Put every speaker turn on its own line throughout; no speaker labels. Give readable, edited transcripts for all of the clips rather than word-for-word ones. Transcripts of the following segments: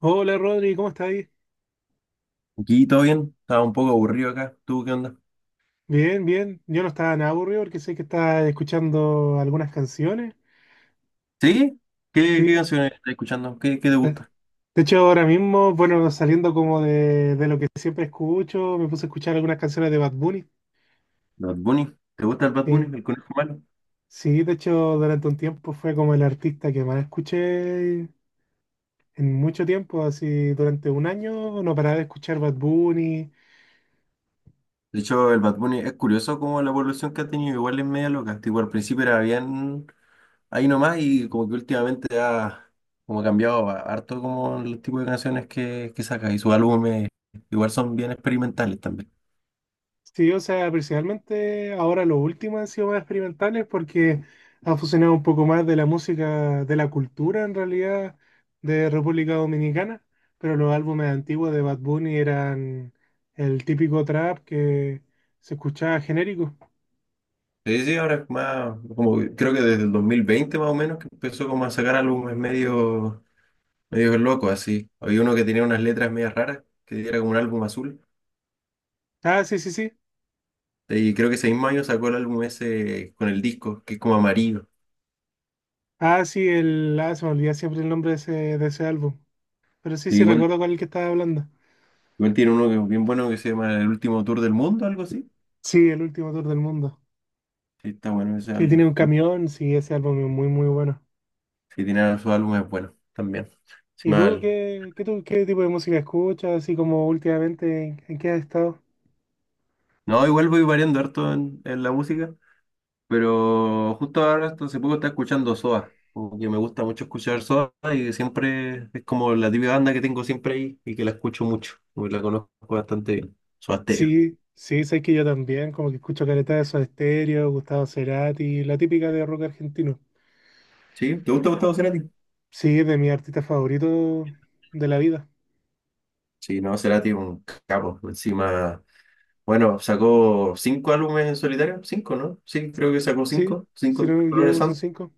Hola Rodri, ¿cómo estás ahí?
Aquí todo bien, estaba un poco aburrido acá. ¿Tú qué onda?
Bien, bien. Yo no estaba nada aburrido porque sé que estás escuchando algunas canciones.
¿Sí? ¿Qué,
Sí.
qué canciones estás escuchando? ¿Qué te
De
gusta?
de hecho, ahora mismo, bueno, saliendo como de lo que siempre escucho, me puse a escuchar algunas canciones de Bad Bunny.
¿Bad Bunny? ¿Te gusta el Bad
Sí.
Bunny, el conejo malo?
Sí, de hecho, durante un tiempo fue como el artista que más escuché en mucho tiempo, así durante un año no paraba de escuchar Bad Bunny.
De hecho, el Bad Bunny es curioso como la evolución que ha tenido, igual es media loca. Tipo, al principio era bien ahí nomás y como que últimamente ha como harto como el tipo de canciones que saca y sus álbumes igual son bien experimentales también.
Sí, o sea, principalmente ahora los últimos han sido más experimentales porque ha fusionado un poco más de la música, de la cultura en realidad de República Dominicana, pero los álbumes antiguos de Bad Bunny eran el típico trap que se escuchaba genérico.
Sí, sí, ahora es más, como que creo que desde el 2020 más o menos que empezó como a sacar álbumes medio loco así. Había uno que tenía unas letras medias raras, que era como un álbum azul.
Ah, sí, sí, sí.
Y creo que ese mismo año sacó el álbum ese con el disco, que es como amarillo.
Ah, sí, el... Ah, se me olvida siempre el nombre de ese álbum. Pero sí,
Sí,
sí,
igual,
recuerdo cuál es el que estaba hablando.
igual tiene uno que es bien bueno que se llama El Último Tour del Mundo, algo así.
Sí, el último tour del mundo.
Sí, está bueno ese
Que
álbum.
tiene un camión, sí, ese álbum es muy, muy bueno.
Sí, tiene sus álbumes buenos también. Sí,
¿Y tú
mal.
qué tipo de música escuchas? Así como últimamente, ¿en qué has estado?
No, igual voy variando harto en la música. Pero justo ahora, hasta hace poco estaba escuchando Soda. Como que me gusta mucho escuchar Soda y siempre es como la típica banda que tengo siempre ahí y que la escucho mucho. Como que la conozco bastante bien. Soda Stereo.
Sí, sí, sé que yo también, como que escucho caleta de Soda Stereo, Gustavo Cerati, la típica de rock argentino.
¿Sí? ¿Te gusta Gustavo Cerati?
Sí, es de mis artistas favoritos de la vida.
Sí, no, Cerati es un capo. Encima, bueno, sacó cinco álbumes en solitario. Cinco, ¿no? Sí, creo que sacó
Sí,
cinco.
si no
Cinco
me
colores
equivoco son
santos.
cinco.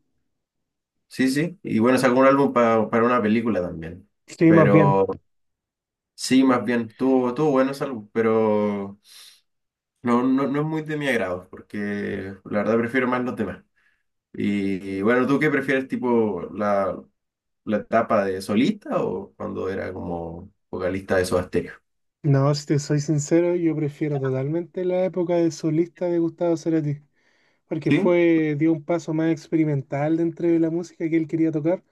Sí, sí. Y bueno, sacó un álbum para una película también.
Sí, más bien.
Pero sí, más bien, tuvo buenos álbumes, pero. No, no es muy de mi agrado, porque la verdad prefiero más los demás. Y bueno, ¿tú qué prefieres, tipo, la etapa de solista o cuando era como vocalista de Soda Stereo?
No, si te soy sincero, yo prefiero totalmente la época de solista de Gustavo Cerati, porque
Sí,
fue, dio un paso más experimental dentro de la música que él quería tocar,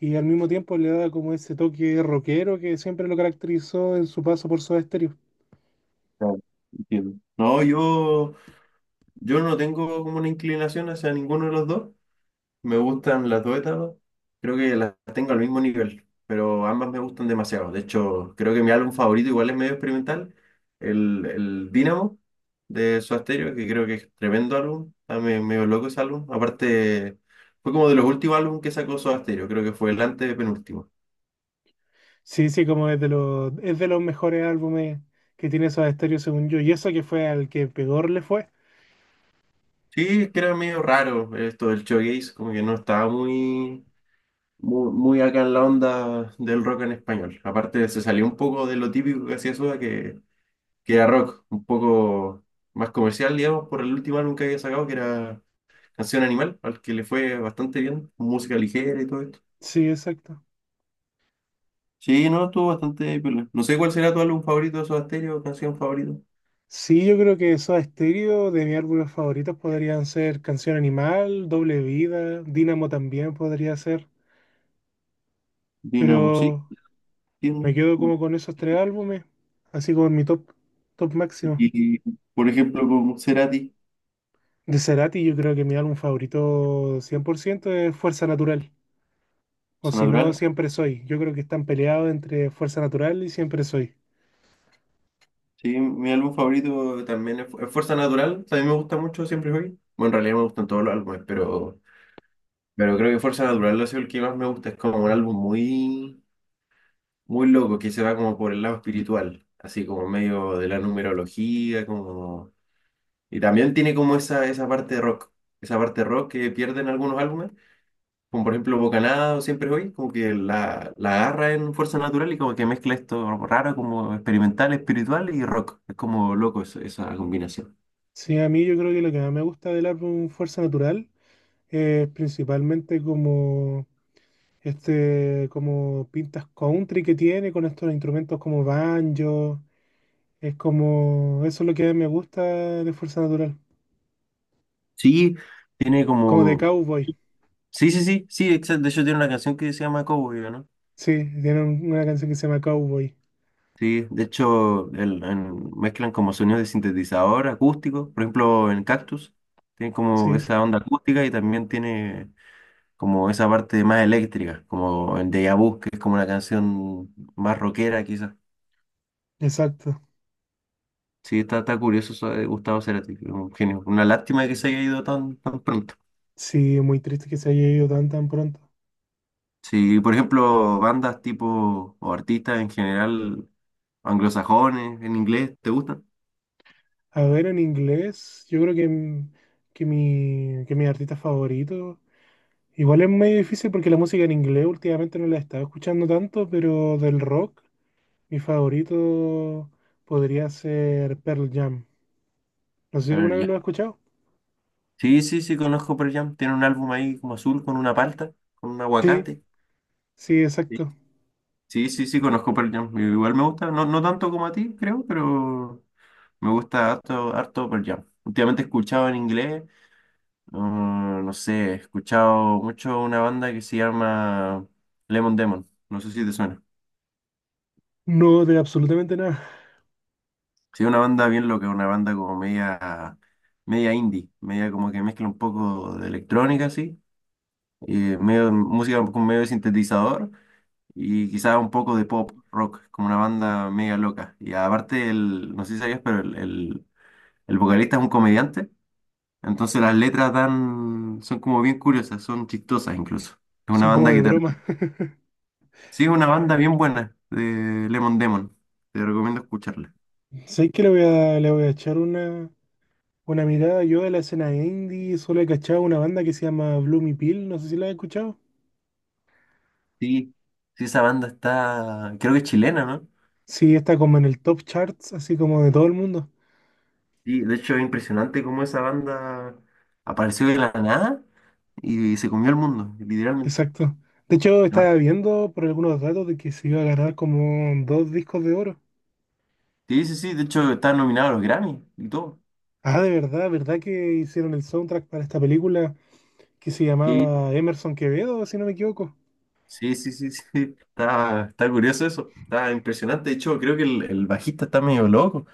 y al mismo tiempo le daba como ese toque rockero que siempre lo caracterizó en su paso por Soda Stereo.
claro, entiendo. No, yo no tengo como una inclinación hacia ninguno de los dos. Me gustan las dos etapas, creo que las tengo al mismo nivel, pero ambas me gustan demasiado. De hecho, creo que mi álbum favorito igual es medio experimental, el Dynamo de Soda Stereo, que creo que es tremendo álbum, está medio loco ese álbum. Aparte, fue como de los últimos álbumes que sacó Soda Stereo, creo que fue el antepenúltimo.
Sí, sí, como es de los mejores álbumes que tiene Soda Stereo según yo, y eso que fue al que peor le fue.
Sí, es que era medio raro esto del showcase, como que no estaba muy acá en la onda del rock en español. Aparte, se salió un poco de lo típico que hacía Soda, que era rock, un poco más comercial, digamos, por el último álbum que había sacado, que era Canción Animal, al que le fue bastante bien, música ligera y todo esto.
Sí, exacto.
Sí, no, estuvo bastante piola. No sé cuál será tu álbum favorito de Soda Stereo, canción favorita.
Sí, yo creo que Soda Stereo, de mis álbumes favoritos podrían ser Canción Animal, Doble Vida, Dínamo también podría ser,
Dinamo, sí,
pero... Me
entiendo.
quedo como con esos tres álbumes, así como en mi top, top máximo.
Y, por ejemplo, con Cerati,
De Cerati, yo creo que mi álbum favorito 100% es Fuerza Natural, o
Fuerza
si no,
Natural.
Siempre Soy. Yo creo que están peleados entre Fuerza Natural y Siempre Soy.
Sí, mi álbum favorito también es Fuerza Natural. También me gusta mucho Siempre Hoy. Bueno, en realidad me gustan todos los álbumes, pero creo que Fuerza Natural ha sido el que más me gusta. Es como un álbum muy loco, que se va como por el lado espiritual, así como medio de la numerología, como... Y también tiene como esa parte de rock, esa parte rock que pierden algunos álbumes, como por ejemplo Bocanada o Siempre Hoy, como que la agarra en Fuerza Natural y como que mezcla esto raro, como experimental, espiritual y rock. Es como loco esa combinación.
Sí, a mí yo creo que lo que más me gusta del álbum Fuerza Natural es principalmente como este, como pintas country que tiene con estos instrumentos como banjo. Es como, eso es lo que me gusta de Fuerza Natural,
Sí, tiene
como de
como...
cowboy.
Sí, sí, sí, sí, exacto. De hecho tiene una canción que se llama Cowboy, ¿no?
Sí, tiene una canción que se llama Cowboy.
Sí, de hecho, mezclan como sonidos de sintetizador acústico, por ejemplo, en Cactus, tiene como
Sí,
esa onda acústica y también tiene como esa parte más eléctrica, como en Deja Vu, que es como una canción más rockera quizás.
exacto.
Sí, está curioso eso de Gustavo Cerati, un genio. Una lástima que se haya ido tan pronto.
Sí, muy triste que se haya ido tan tan pronto.
Sí, por ejemplo, bandas tipo, o artistas en general, anglosajones, en inglés, ¿te gustan?
A ver, en inglés, yo creo que, que mi artista favorito. Igual es medio difícil porque la música en inglés últimamente no la he estado escuchando tanto, pero del rock, mi favorito podría ser Pearl Jam. No sé si alguna vez lo has escuchado.
Sí, sí, sí, conozco Pearl Jam. Tiene un álbum ahí como azul con una palta, con un
Sí,
aguacate.
sí,
Sí,
exacto.
sí, sí, sí, conozco Pearl Jam. Igual me gusta, no, no tanto como a ti, creo, pero me gusta harto, harto Pearl Jam. Últimamente he escuchado en inglés, no sé, he escuchado mucho una banda que se llama Lemon Demon. No sé si te suena.
No, de absolutamente nada.
Sí, una banda bien loca, una banda como media, media indie, media como que mezcla un poco de electrónica, así, y medio música con medio de sintetizador. Y quizá un poco de pop rock, como una banda mega loca. Y aparte, no sé si sabías, pero el vocalista es un comediante, entonces las letras dan, son como bien curiosas, son chistosas incluso. Es una
Son como
banda
de
que te...
broma.
Sí, es una banda bien buena de Lemon Demon, te recomiendo escucharla.
Sé que le voy a echar una mirada. Yo de la escena indie solo he cachado una banda que se llama Bloomy Pill, no sé si la has escuchado.
Sí, sí, esa banda está, creo que es chilena, ¿no?
Sí, está como en el top charts, así como de todo el mundo.
Sí, de hecho es impresionante cómo esa banda apareció de la nada y se comió el mundo, literalmente.
Exacto. De hecho, estaba viendo por algunos datos de que se iba a ganar como dos discos de oro.
Sí, sí, sí, de hecho está nominado a los Grammy y todo.
Ah, de verdad, ¿verdad que hicieron el soundtrack para esta película que se
Sí,
llamaba Emerson Quevedo, si no me equivoco?
sí, sí, sí, sí. Está curioso eso, está impresionante. De hecho, creo que el bajista está medio loco,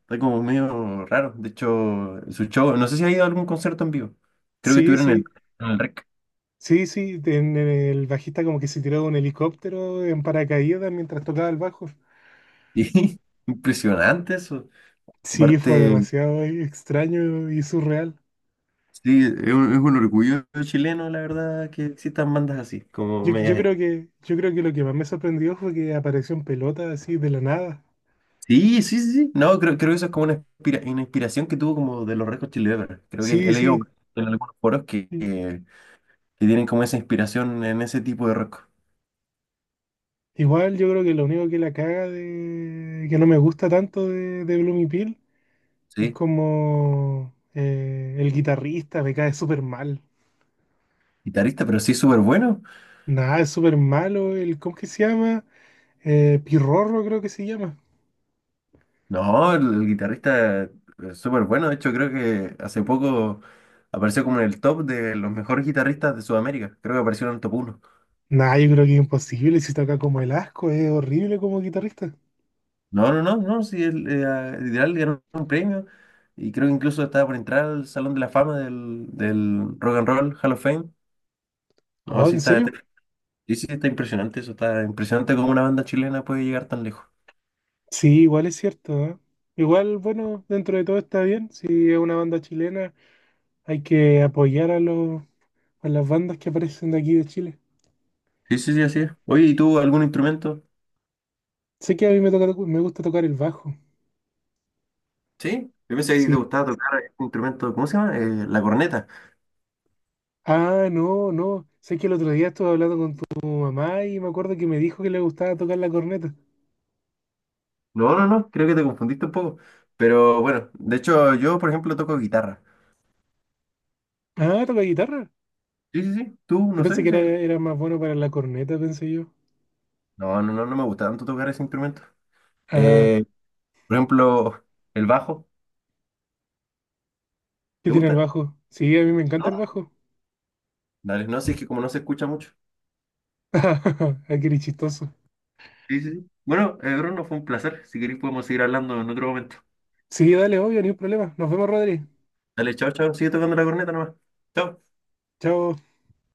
está como medio raro. De hecho, su show, no sé si ha ido a algún concierto en vivo. Creo que
Sí,
estuvieron
sí,
en el REC.
sí, sí. En el bajista como que se tiró de un helicóptero en paracaídas mientras tocaba el bajo.
Sí, impresionante eso.
Sí, fue
Aparte,
demasiado extraño y surreal.
sí, es un orgullo chileno, la verdad, que existan bandas así, como
Yo, yo
medias.
creo que, yo creo que lo que más me sorprendió fue que apareció en pelota así de la nada.
Sí, sí, sí, sí. No, creo que eso es como una, una inspiración que tuvo como de los Red Hot Chili Peppers. Creo que he
Sí,
leído
sí,
en algunos foros
sí.
que tienen como esa inspiración en ese tipo de rock.
Igual yo creo que lo único que la caga que no me gusta tanto de Bloomy Peel es
Sí,
como el guitarrista me cae súper mal.
guitarrista, pero sí súper bueno.
Nada, es súper malo. El, ¿cómo que se llama? Pirrorro creo que se llama.
No, el guitarrista es súper bueno. De hecho, creo que hace poco apareció como en el top de los mejores guitarristas de Sudamérica. Creo que apareció en el top uno.
Nada, yo creo que es imposible. Si toca como el asco, es horrible como guitarrista.
No, no, no, no, sí, literal ganó un premio y creo que incluso estaba por entrar al Salón de la Fama del Rock and Roll Hall of Fame. No,
Oh,
sí
¿en serio?
sí, sí, está impresionante eso, está impresionante cómo una banda chilena puede llegar tan lejos.
Sí, igual es cierto, ¿eh? Igual, bueno, dentro de todo está bien. Si es una banda chilena, hay que apoyar a a las bandas que aparecen de aquí de Chile.
Sí, sí, sí, así es. Oye, ¿y tú algún instrumento?
Sé que a mí me toca, me gusta tocar el bajo.
Sí, yo pensé que te
Sí.
gustaba tocar un instrumento, ¿cómo se llama? La corneta.
Ah, no, no. Sé que el otro día estuve hablando con tu mamá y me acuerdo que me dijo que le gustaba tocar la corneta.
No, no, no, creo que te confundiste un poco. Pero bueno, de hecho yo, por ejemplo, toco guitarra.
Ah, toca guitarra.
Sí, sí, sí, tú,
Yo
no
pensé
sé,
que
sí.
era, era más bueno para la corneta, pensé yo.
No, no, no, no me gusta tanto tocar ese instrumento.
Ah,
Eh, por ejemplo, el bajo,
¿qué
¿te
tiene el
gusta?
bajo? Sí, a mí me encanta el
No,
bajo.
Dale, no, si es que como no se escucha mucho.
Ah, qué chistoso.
Sí, sí, sí. Bueno, Bruno, fue un placer. Si queréis podemos seguir hablando en otro momento.
Sí, dale, obvio, ni un problema. Nos vemos, Rodri.
Dale, chao, chao. Sigue tocando la corneta nomás. Chao.
Chao.